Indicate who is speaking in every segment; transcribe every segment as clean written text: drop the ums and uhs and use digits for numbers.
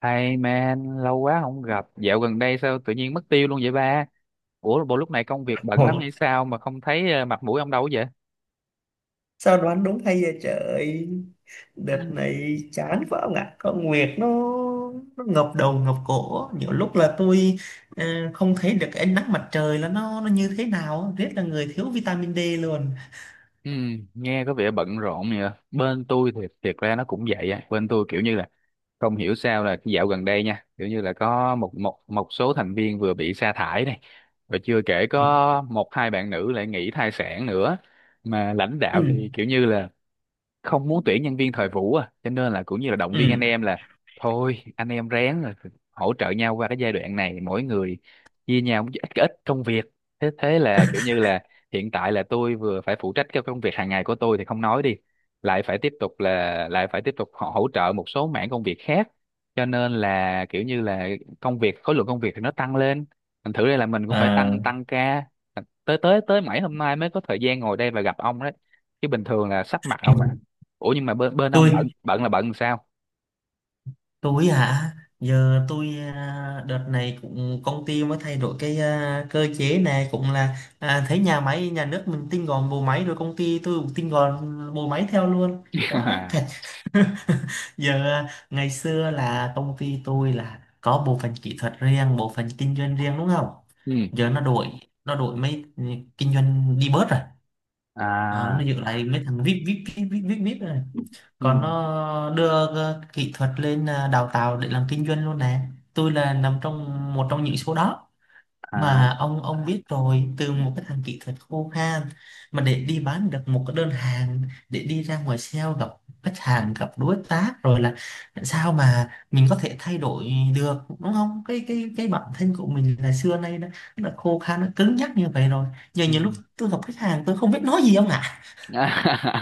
Speaker 1: Hey man, lâu quá không gặp. Dạo gần đây sao tự nhiên mất tiêu luôn vậy ba? Ủa, bộ lúc này công việc bận lắm
Speaker 2: Ôi,
Speaker 1: hay sao mà không thấy mặt mũi ông đâu vậy?
Speaker 2: sao đoán đúng hay vậy trời. Đợt này chán quá ông ạ, con Nguyệt nó ngập đầu ngập cổ, nhiều lúc là tôi ờ, không thấy được cái ánh nắng mặt trời, là nó như thế nào, rất là người thiếu vitamin D luôn.
Speaker 1: Ừ, nghe có vẻ bận rộn nhỉ. Bên tôi thì thiệt ra nó cũng vậy á. Bên tôi kiểu như là không hiểu sao là dạo gần đây nha, kiểu như là có một một một số thành viên vừa bị sa thải này, rồi chưa kể
Speaker 2: Ừ.
Speaker 1: có một hai bạn nữ lại nghỉ thai sản nữa. Mà lãnh đạo
Speaker 2: Ừ.
Speaker 1: thì kiểu như là không muốn tuyển nhân viên thời vụ à, cho nên là cũng như là động viên anh
Speaker 2: Ừ.
Speaker 1: em là thôi anh em ráng, rồi hỗ trợ nhau qua cái giai đoạn này, mỗi người chia nhau một ít ít công việc. Thế thế là kiểu như là hiện tại là tôi vừa phải phụ trách cái công việc hàng ngày của tôi thì không nói đi, lại phải tiếp tục là lại phải tiếp tục họ hỗ trợ một số mảng công việc khác, cho nên là kiểu như là công việc khối lượng công việc thì nó tăng lên, thành thử đây là mình cũng phải
Speaker 2: À,
Speaker 1: tăng tăng ca, tới tới tới mãi hôm nay mới có thời gian ngồi đây và gặp ông đấy, chứ bình thường là sắp mặt ông ạ.
Speaker 2: ôi,
Speaker 1: Ủa nhưng mà bên bên ông
Speaker 2: tôi
Speaker 1: bận bận là bận sao?
Speaker 2: tôi hả? Giờ tôi đợt này cũng công ty mới thay đổi cái cơ chế này, cũng là thấy nhà máy nhà nước mình tinh gọn bộ máy, rồi công ty tôi cũng tinh gọn bộ máy theo luôn, quá đáng
Speaker 1: À,
Speaker 2: thật. Giờ ngày xưa là công ty tôi là có bộ phận kỹ thuật riêng, bộ phận kinh doanh riêng, đúng không?
Speaker 1: ừ.
Speaker 2: Giờ nó đổi, nó đổi mấy, kinh doanh đi bớt rồi. Đó, nó
Speaker 1: À,
Speaker 2: giữ lại mấy thằng vip vip vip vip vip vip rồi,
Speaker 1: ừ.
Speaker 2: còn nó đưa kỹ thuật lên đào tạo để làm kinh doanh luôn nè. Tôi là nằm trong một trong những số đó,
Speaker 1: À,
Speaker 2: mà ông biết rồi, từ một cái thằng kỹ thuật khô khan mà để đi bán được một cái đơn hàng, để đi ra ngoài sale gặp khách hàng, gặp đối tác, rồi là sao mà mình có thể thay đổi được đúng không, cái bản thân của mình là xưa nay nó là khô khan, nó cứng nhắc như vậy rồi. Giờ
Speaker 1: ừ.
Speaker 2: nhiều lúc tôi gặp khách hàng, tôi không biết nói gì ông ạ.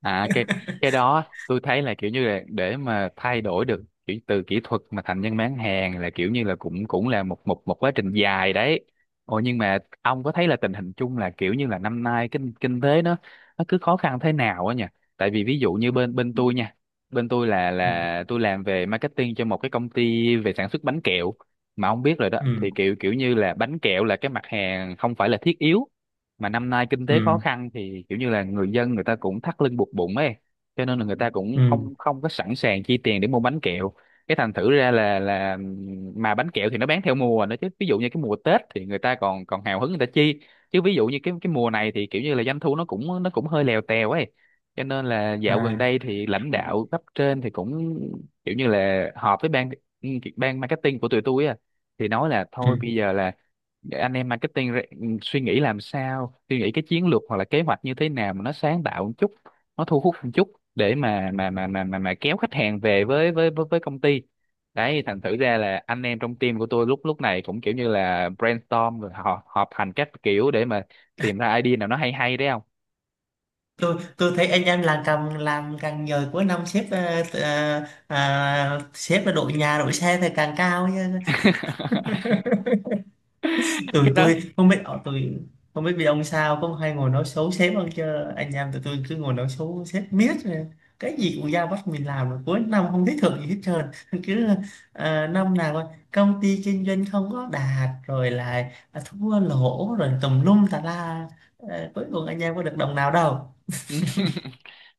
Speaker 1: À, cái đó tôi thấy là kiểu như là để mà thay đổi được kiểu từ kỹ thuật mà thành nhân bán hàng là kiểu như là cũng cũng là một một một quá trình dài đấy. Ồ, nhưng mà ông có thấy là tình hình chung là kiểu như là năm nay kinh kinh tế nó cứ khó khăn thế nào á nhỉ? Tại vì ví dụ như bên bên tôi nha, bên tôi là
Speaker 2: Ừ.
Speaker 1: là tôi làm về marketing cho một cái công ty về sản xuất bánh kẹo. Mà ông biết rồi đó,
Speaker 2: Ừ.
Speaker 1: thì kiểu kiểu như là bánh kẹo là cái mặt hàng không phải là thiết yếu, mà năm nay kinh tế khó
Speaker 2: Ừ.
Speaker 1: khăn thì kiểu như là người dân, người ta cũng thắt lưng buộc bụng ấy, cho nên là người ta cũng
Speaker 2: Ừ.
Speaker 1: không không có sẵn sàng chi tiền để mua bánh kẹo. Cái thành thử ra là mà bánh kẹo thì nó bán theo mùa nữa, chứ ví dụ như cái mùa Tết thì người ta còn còn hào hứng, người ta chi, chứ ví dụ như cái mùa này thì kiểu như là doanh thu nó cũng hơi lèo tèo ấy. Cho nên là dạo gần
Speaker 2: À,
Speaker 1: đây thì lãnh đạo cấp trên thì cũng kiểu như là họp với ban ban marketing của tụi tôi á, thì nói là
Speaker 2: ừ.
Speaker 1: thôi bây giờ là anh em marketing suy nghĩ làm sao, suy nghĩ cái chiến lược hoặc là kế hoạch như thế nào mà nó sáng tạo một chút, nó thu hút một chút để mà kéo khách hàng về với công ty. Đấy, thành thử ra là anh em trong team của tôi lúc lúc này cũng kiểu như là brainstorm rồi họ họp hành các kiểu để mà tìm ra idea nào nó hay hay đấy không.
Speaker 2: Tôi thấy anh em làm càng nhờ cuối năm xếp sếp là đội nhà đội xe thì càng cao nha. Tụi
Speaker 1: Cái đó.
Speaker 2: tôi không biết tụi không biết vì ông sao cũng hay ngồi nói xấu sếp hơn chứ, anh em tụi tôi cứ ngồi nói xấu sếp miết rồi. Cái gì cũng giao bắt mình làm, rồi cuối năm không thấy thưởng gì hết trơn. Cứ năm nào coi, công ty kinh doanh không có đạt, rồi lại thua lỗ, rồi tùm lum tà la. Ờ, cuối cùng anh em có được đồng nào đâu.
Speaker 1: Ừ.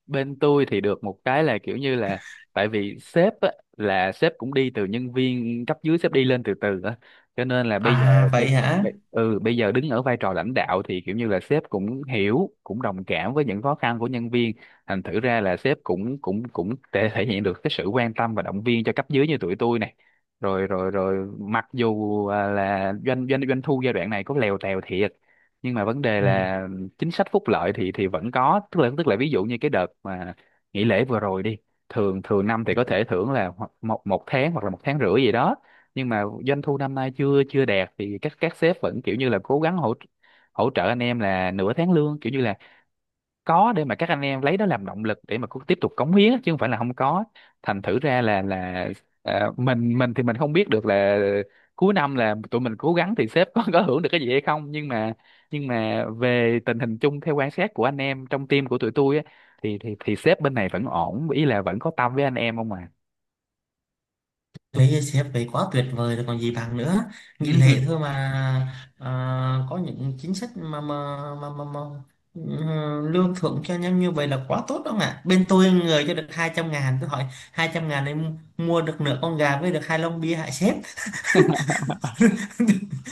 Speaker 1: Bên tôi thì được một cái là kiểu như là tại vì sếp á, là sếp cũng đi từ nhân viên cấp dưới, sếp đi lên từ từ á, cho nên là bây giờ
Speaker 2: À vậy
Speaker 1: bây,
Speaker 2: hả.
Speaker 1: bây, ừ bây giờ đứng ở vai trò lãnh đạo thì kiểu như là sếp cũng hiểu, cũng đồng cảm với những khó khăn của nhân viên, thành thử ra là sếp cũng cũng cũng thể thể hiện được cái sự quan tâm và động viên cho cấp dưới như tụi tôi này, rồi rồi rồi mặc dù là doanh doanh doanh thu giai đoạn này có lèo tèo thiệt, nhưng mà vấn đề
Speaker 2: Ừ.
Speaker 1: là chính sách phúc lợi thì vẫn có, tức là ví dụ như cái đợt mà nghỉ lễ vừa rồi đi, thường thường năm thì có thể thưởng là một một tháng hoặc là một tháng rưỡi gì đó, nhưng mà doanh thu năm nay chưa chưa đạt thì các sếp vẫn kiểu như là cố gắng hỗ hỗ trợ anh em là nửa tháng lương, kiểu như là có để mà các anh em lấy đó làm động lực để mà cứ tiếp tục cống hiến á, chứ không phải là không có. Thành thử ra là mình thì mình không biết được là cuối năm là tụi mình cố gắng thì sếp có hưởng được cái gì hay không, nhưng mà về tình hình chung theo quan sát của anh em trong team của tụi tôi á, thì thì sếp bên này vẫn ổn, ý là vẫn có tâm với anh em không à.
Speaker 2: Với sếp đấy quá tuyệt vời rồi còn gì bằng nữa, nghị
Speaker 1: Ừ.
Speaker 2: lệ thôi mà. À, có những chính sách mà ừ, lương thưởng cho nhau như vậy là quá tốt đó ạ. Bên tôi người cho được 200.000, tôi hỏi 200.000 em mua được nửa con gà với được 2 lon bia hại sếp.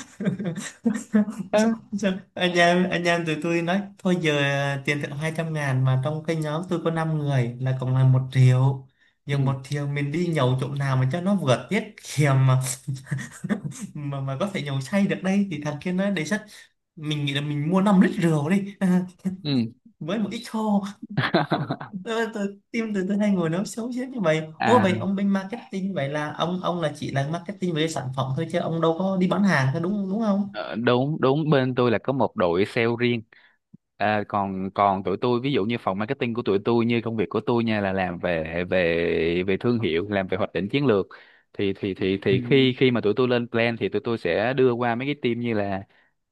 Speaker 2: Sao,
Speaker 1: Ừ.
Speaker 2: sao, anh em tụi tôi nói thôi giờ tiền thưởng 200.000 mà trong cái nhóm tôi có 5 người là cộng là 1.000.000. Giờ
Speaker 1: Ừ.
Speaker 2: 1.000.000 mình đi nhậu chỗ nào mà cho nó vừa tiết kiệm mà có thể nhậu say được đây, thì thằng kia nó đề xuất mình nghĩ là mình mua 5 lít rượu đi, à,
Speaker 1: Ừ.
Speaker 2: với một ít khô. Ờ, tự, tim từ từ hai người nó xấu xí như vậy. Ô
Speaker 1: À.
Speaker 2: vậy ông bên marketing vậy là ông là chỉ là marketing về sản phẩm thôi chứ ông đâu có đi bán hàng thôi, đúng đúng không?
Speaker 1: Ờ, đúng đúng, bên tôi là có một đội sale riêng. À, còn còn tụi tôi ví dụ như phòng marketing của tụi tôi, như công việc của tôi nha là làm về về về thương hiệu, làm về hoạch định chiến lược, thì thì
Speaker 2: Ừ.
Speaker 1: khi khi mà tụi tôi lên plan thì tụi tôi sẽ đưa qua mấy cái team như là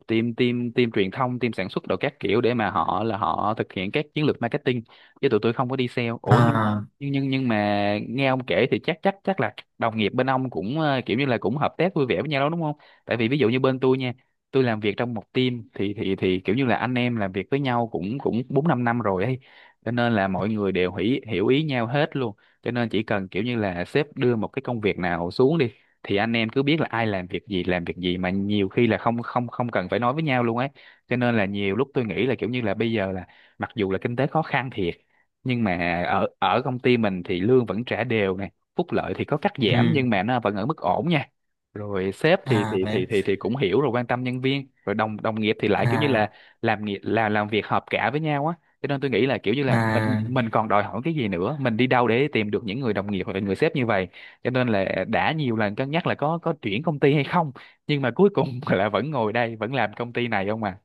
Speaker 1: team team team truyền thông, team sản xuất đồ các kiểu, để mà họ thực hiện các chiến lược marketing, chứ tụi tôi không có đi sale. Ủa nhưng
Speaker 2: À.
Speaker 1: nhưng nhưng nhưng mà nghe ông kể thì chắc chắc chắc là đồng nghiệp bên ông cũng kiểu như là cũng hợp tác vui vẻ với nhau đó đúng không? Tại vì ví dụ như bên tôi nha, tôi làm việc trong một team thì thì kiểu như là anh em làm việc với nhau cũng cũng bốn năm năm rồi ấy, cho nên là mọi người đều hiểu hiểu ý nhau hết luôn, cho nên chỉ cần kiểu như là sếp đưa một cái công việc nào xuống đi thì anh em cứ biết là ai làm việc gì, làm việc gì mà nhiều khi là không không không cần phải nói với nhau luôn ấy. Cho nên là nhiều lúc tôi nghĩ là kiểu như là bây giờ là mặc dù là kinh tế khó khăn thiệt, nhưng mà ở ở công ty mình thì lương vẫn trả đều này, phúc lợi thì có cắt giảm
Speaker 2: Ừ.
Speaker 1: nhưng mà nó vẫn ở mức ổn nha, rồi sếp thì
Speaker 2: À
Speaker 1: thì thì
Speaker 2: vậy.
Speaker 1: thì thì cũng hiểu, rồi quan tâm nhân viên, rồi đồng đồng nghiệp thì lại kiểu như là
Speaker 2: À.
Speaker 1: làm nghiệp là làm việc hợp cả với nhau á, cho nên tôi nghĩ là kiểu như là mình
Speaker 2: À.
Speaker 1: mình còn đòi hỏi cái gì nữa, mình đi đâu để tìm được những người đồng nghiệp hoặc là người sếp như vậy? Cho nên là đã nhiều lần cân nhắc là có chuyển công ty hay không, nhưng mà cuối cùng là vẫn ngồi đây vẫn làm công ty này không à.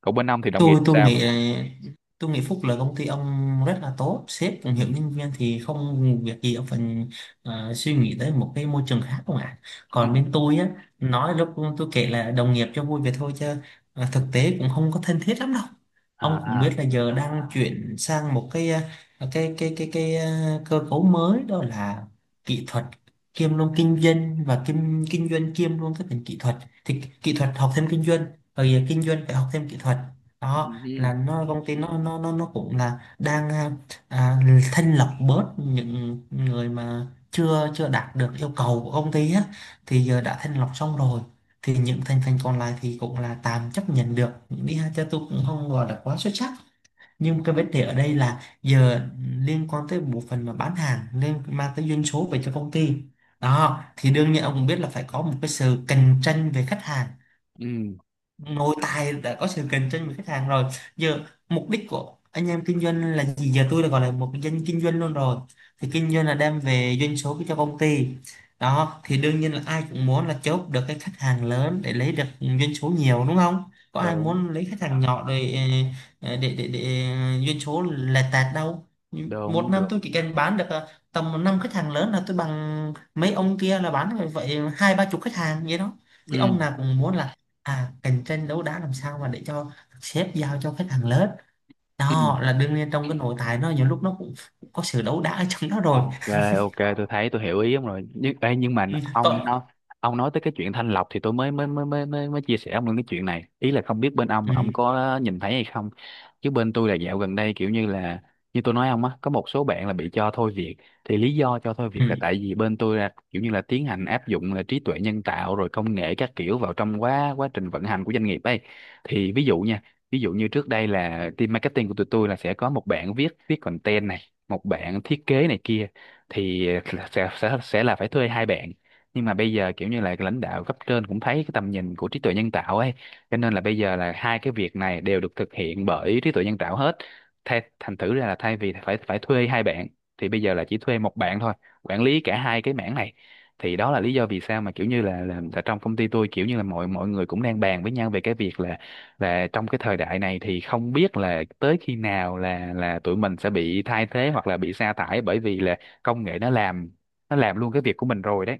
Speaker 1: Còn bên ông thì đồng nghiệp
Speaker 2: Tôi
Speaker 1: sao?
Speaker 2: nghĩ, tôi nghĩ Phúc là công ty ông rất là tốt, sếp cũng
Speaker 1: Ừ.
Speaker 2: hiểu nhân viên thì không việc gì ông phải suy nghĩ tới một cái môi trường khác không ạ.
Speaker 1: Ừ.
Speaker 2: Còn bên tôi á, nói lúc tôi kể là đồng nghiệp cho vui vậy thôi chứ thực tế cũng không có thân thiết lắm đâu.
Speaker 1: À.
Speaker 2: Ông cũng
Speaker 1: À.
Speaker 2: biết là giờ đang chuyển sang một cái cơ cấu mới. Đó là kỹ thuật kiêm luôn kinh doanh, và kiêm kinh doanh kiêm luôn cái ngành kỹ thuật, thì kỹ thuật học thêm kinh doanh, rồi kinh doanh phải học thêm kỹ thuật.
Speaker 1: Ừ.
Speaker 2: Đó
Speaker 1: Ừ.
Speaker 2: là nó công ty nó cũng là đang à, thanh lọc bớt những người mà chưa chưa đạt được yêu cầu của công ty á. Thì giờ đã thanh lọc xong rồi, thì những thành phần còn lại thì cũng là tạm chấp nhận được đi ha, cho tôi cũng không gọi là quá xuất sắc. Nhưng cái vấn đề ở đây là giờ liên quan tới bộ phận mà bán hàng nên mang tới doanh số về cho công ty. Đó thì đương nhiên ông cũng biết là phải có một cái sự cạnh tranh về khách hàng.
Speaker 1: Ừ.
Speaker 2: Nội tại đã có sự cạnh tranh với khách hàng rồi, giờ mục đích của anh em kinh doanh là gì, giờ tôi đã gọi là một cái doanh kinh doanh luôn rồi, thì kinh doanh là đem về doanh số cho công ty. Đó thì đương nhiên là ai cũng muốn là chốt được cái khách hàng lớn để lấy được doanh số nhiều đúng không, có ai
Speaker 1: Đúng.
Speaker 2: muốn lấy khách hàng nhỏ để để doanh số lẹt tẹt đâu. Một
Speaker 1: Đúng.
Speaker 2: năm
Speaker 1: Đúng.
Speaker 2: tôi chỉ cần bán được tầm 5 khách hàng lớn là tôi bằng mấy ông kia là bán vậy 2 3 chục khách hàng vậy đó. Thì ông
Speaker 1: Ừ.
Speaker 2: nào cũng muốn là cạnh tranh đấu đá làm sao mà để cho sếp giao cho khách hàng lớn.
Speaker 1: Ừ.
Speaker 2: Đó là đương nhiên trong cái nội tại nó nhiều lúc nó cũng có sự đấu đá ở trong đó rồi.
Speaker 1: Ok, ok, tôi thấy tôi hiểu ý ông rồi. Nhưng ê, nhưng mà
Speaker 2: Ừ, còn.
Speaker 1: ông nói tới cái chuyện thanh lọc thì tôi mới mới mới mới mới, mới chia sẻ ông luôn cái chuyện này. Ý là không biết bên ông
Speaker 2: Ừ.
Speaker 1: là ông có nhìn thấy hay không. Chứ bên tôi là dạo gần đây kiểu như là, như tôi nói ông á, có một số bạn là bị cho thôi việc. Thì lý do cho thôi
Speaker 2: Ừ.
Speaker 1: việc là tại vì bên tôi là kiểu như là tiến hành áp dụng là trí tuệ nhân tạo rồi công nghệ các kiểu vào trong quá quá trình vận hành của doanh nghiệp ấy. Thì ví dụ nha, ví dụ như trước đây là team marketing của tụi tôi là sẽ có một bạn viết viết content này, một bạn thiết kế này kia, thì sẽ là phải thuê hai bạn, nhưng mà bây giờ kiểu như là lãnh đạo cấp trên cũng thấy cái tầm nhìn của trí tuệ nhân tạo ấy, cho nên là bây giờ là hai cái việc này đều được thực hiện bởi trí tuệ nhân tạo hết, thành thử ra là thay vì phải phải thuê hai bạn thì bây giờ là chỉ thuê một bạn thôi, quản lý cả hai cái mảng này. Thì đó là lý do vì sao mà kiểu như là trong công ty tôi kiểu như là mọi mọi người cũng đang bàn với nhau về cái việc là trong cái thời đại này thì không biết là tới khi nào là tụi mình sẽ bị thay thế hoặc là bị sa thải, bởi vì là công nghệ nó làm luôn cái việc của mình rồi đấy.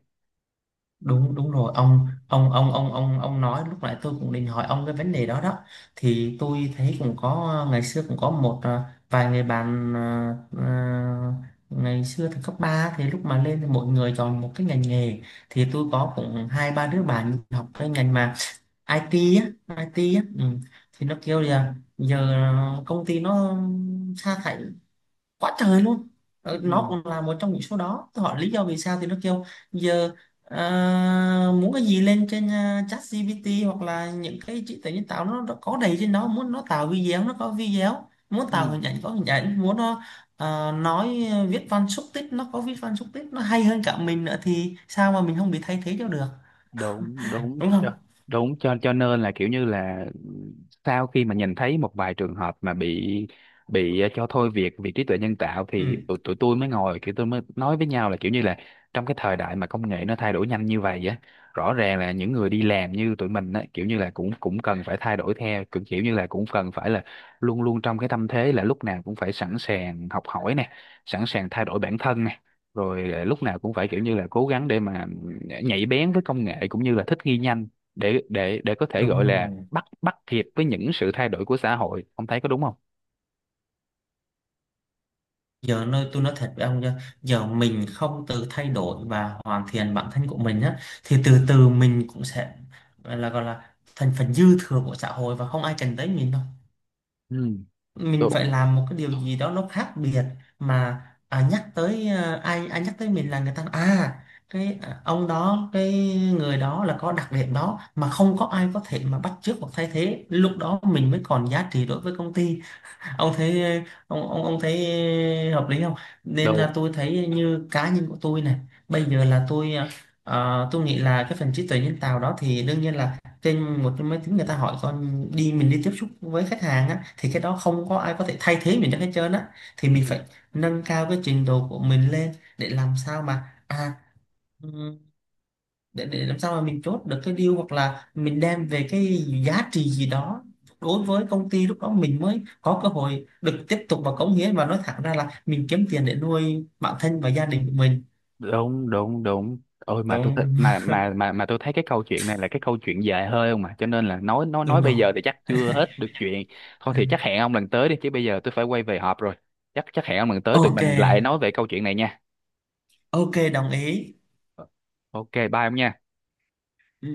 Speaker 2: Đúng đúng rồi, ông nói lúc nãy tôi cũng định hỏi ông cái vấn đề đó đó. Thì tôi thấy cũng có, ngày xưa cũng có một vài người bạn ngày xưa thì cấp 3 thì lúc mà lên thì mỗi người chọn một cái ngành nghề, thì tôi có cũng 2 3 đứa bạn học cái ngành mà IT á, IT á. Ừ. Thì nó kêu là giờ công ty nó sa thải quá trời luôn. Ờ, nó
Speaker 1: Ừ.
Speaker 2: cũng là một trong những số đó, tôi hỏi lý do vì sao thì nó kêu giờ muốn cái gì lên trên ChatGPT hoặc là những cái trí tuệ nhân tạo nó có đầy trên đó, muốn nó tạo video nó có video, muốn
Speaker 1: Ừ.
Speaker 2: tạo hình ảnh có hình ảnh, muốn nó nói viết văn xúc tích nó có viết văn xúc tích, nó hay hơn cả mình nữa thì sao mà mình không bị thay thế cho được,
Speaker 1: Đúng đúng.
Speaker 2: đúng không?
Speaker 1: Đúng, cho nên là kiểu như là sau khi mà nhìn thấy một vài trường hợp mà bị cho thôi việc vì trí tuệ nhân tạo,
Speaker 2: Ừ.
Speaker 1: thì tụi tôi mới ngồi kiểu, tôi mới nói với nhau là kiểu như là trong cái thời đại mà công nghệ nó thay đổi nhanh như vậy á, rõ ràng là những người đi làm như tụi mình á, kiểu như là cũng cũng cần phải thay đổi theo, cũng kiểu như là cũng cần phải là luôn luôn trong cái tâm thế là lúc nào cũng phải sẵn sàng học hỏi nè, sẵn sàng thay đổi bản thân nè, rồi lúc nào cũng phải kiểu như là cố gắng để mà nhạy bén với công nghệ, cũng như là thích nghi nhanh để có thể
Speaker 2: Đúng
Speaker 1: gọi là
Speaker 2: rồi,
Speaker 1: bắt bắt kịp với những sự thay đổi của xã hội. Ông thấy có đúng không?
Speaker 2: giờ nơi tôi nói thật với ông nha, giờ mình không tự thay đổi và hoàn thiện bản thân của mình á, thì từ từ mình cũng sẽ là gọi là thành phần dư thừa của xã hội và không ai cần tới mình đâu.
Speaker 1: Ừ.
Speaker 2: Mình
Speaker 1: Đúng.
Speaker 2: phải làm một cái điều gì đó nó khác biệt mà. À, nhắc tới, à, ai ai nhắc tới mình là người ta, à, cái, à, ông đó cái người đó là có đặc điểm đó mà không có ai có thể mà bắt chước hoặc thay thế, lúc đó mình mới còn giá trị đối với công ty. Ông thấy, ông thấy hợp lý không? Nên là
Speaker 1: Đúng.
Speaker 2: tôi thấy như cá nhân của tôi này, bây giờ là tôi tôi nghĩ là cái phần trí tuệ nhân tạo đó thì đương nhiên là trên một cái máy tính người ta hỏi con đi, mình đi tiếp xúc với khách hàng á thì cái đó không có ai có thể thay thế mình được hết trơn á. Thì mình phải nâng cao cái trình độ của mình lên để làm sao mà, à, để làm sao mà mình chốt được cái deal hoặc là mình đem về cái giá trị gì đó đối với công ty, lúc đó mình mới có cơ hội được tiếp tục và cống hiến, và nói thẳng ra là mình kiếm tiền để nuôi bản thân và gia đình của mình.
Speaker 1: Đúng. Đúng. Đúng. Ôi mà tôi thích
Speaker 2: Đúng
Speaker 1: mà tôi thấy cái câu chuyện này là cái câu chuyện dài hơi không mà, cho nên là
Speaker 2: đúng
Speaker 1: nói bây
Speaker 2: rồi.
Speaker 1: giờ thì chắc chưa hết được chuyện. Thôi thì chắc hẹn ông lần tới đi, chứ bây giờ tôi phải quay về họp rồi. Chắc chắc hẹn ông lần tới, tụi
Speaker 2: OK.
Speaker 1: mình lại nói về câu chuyện này nha.
Speaker 2: OK đồng ý.
Speaker 1: Ok, bye ông nha.
Speaker 2: Ừ.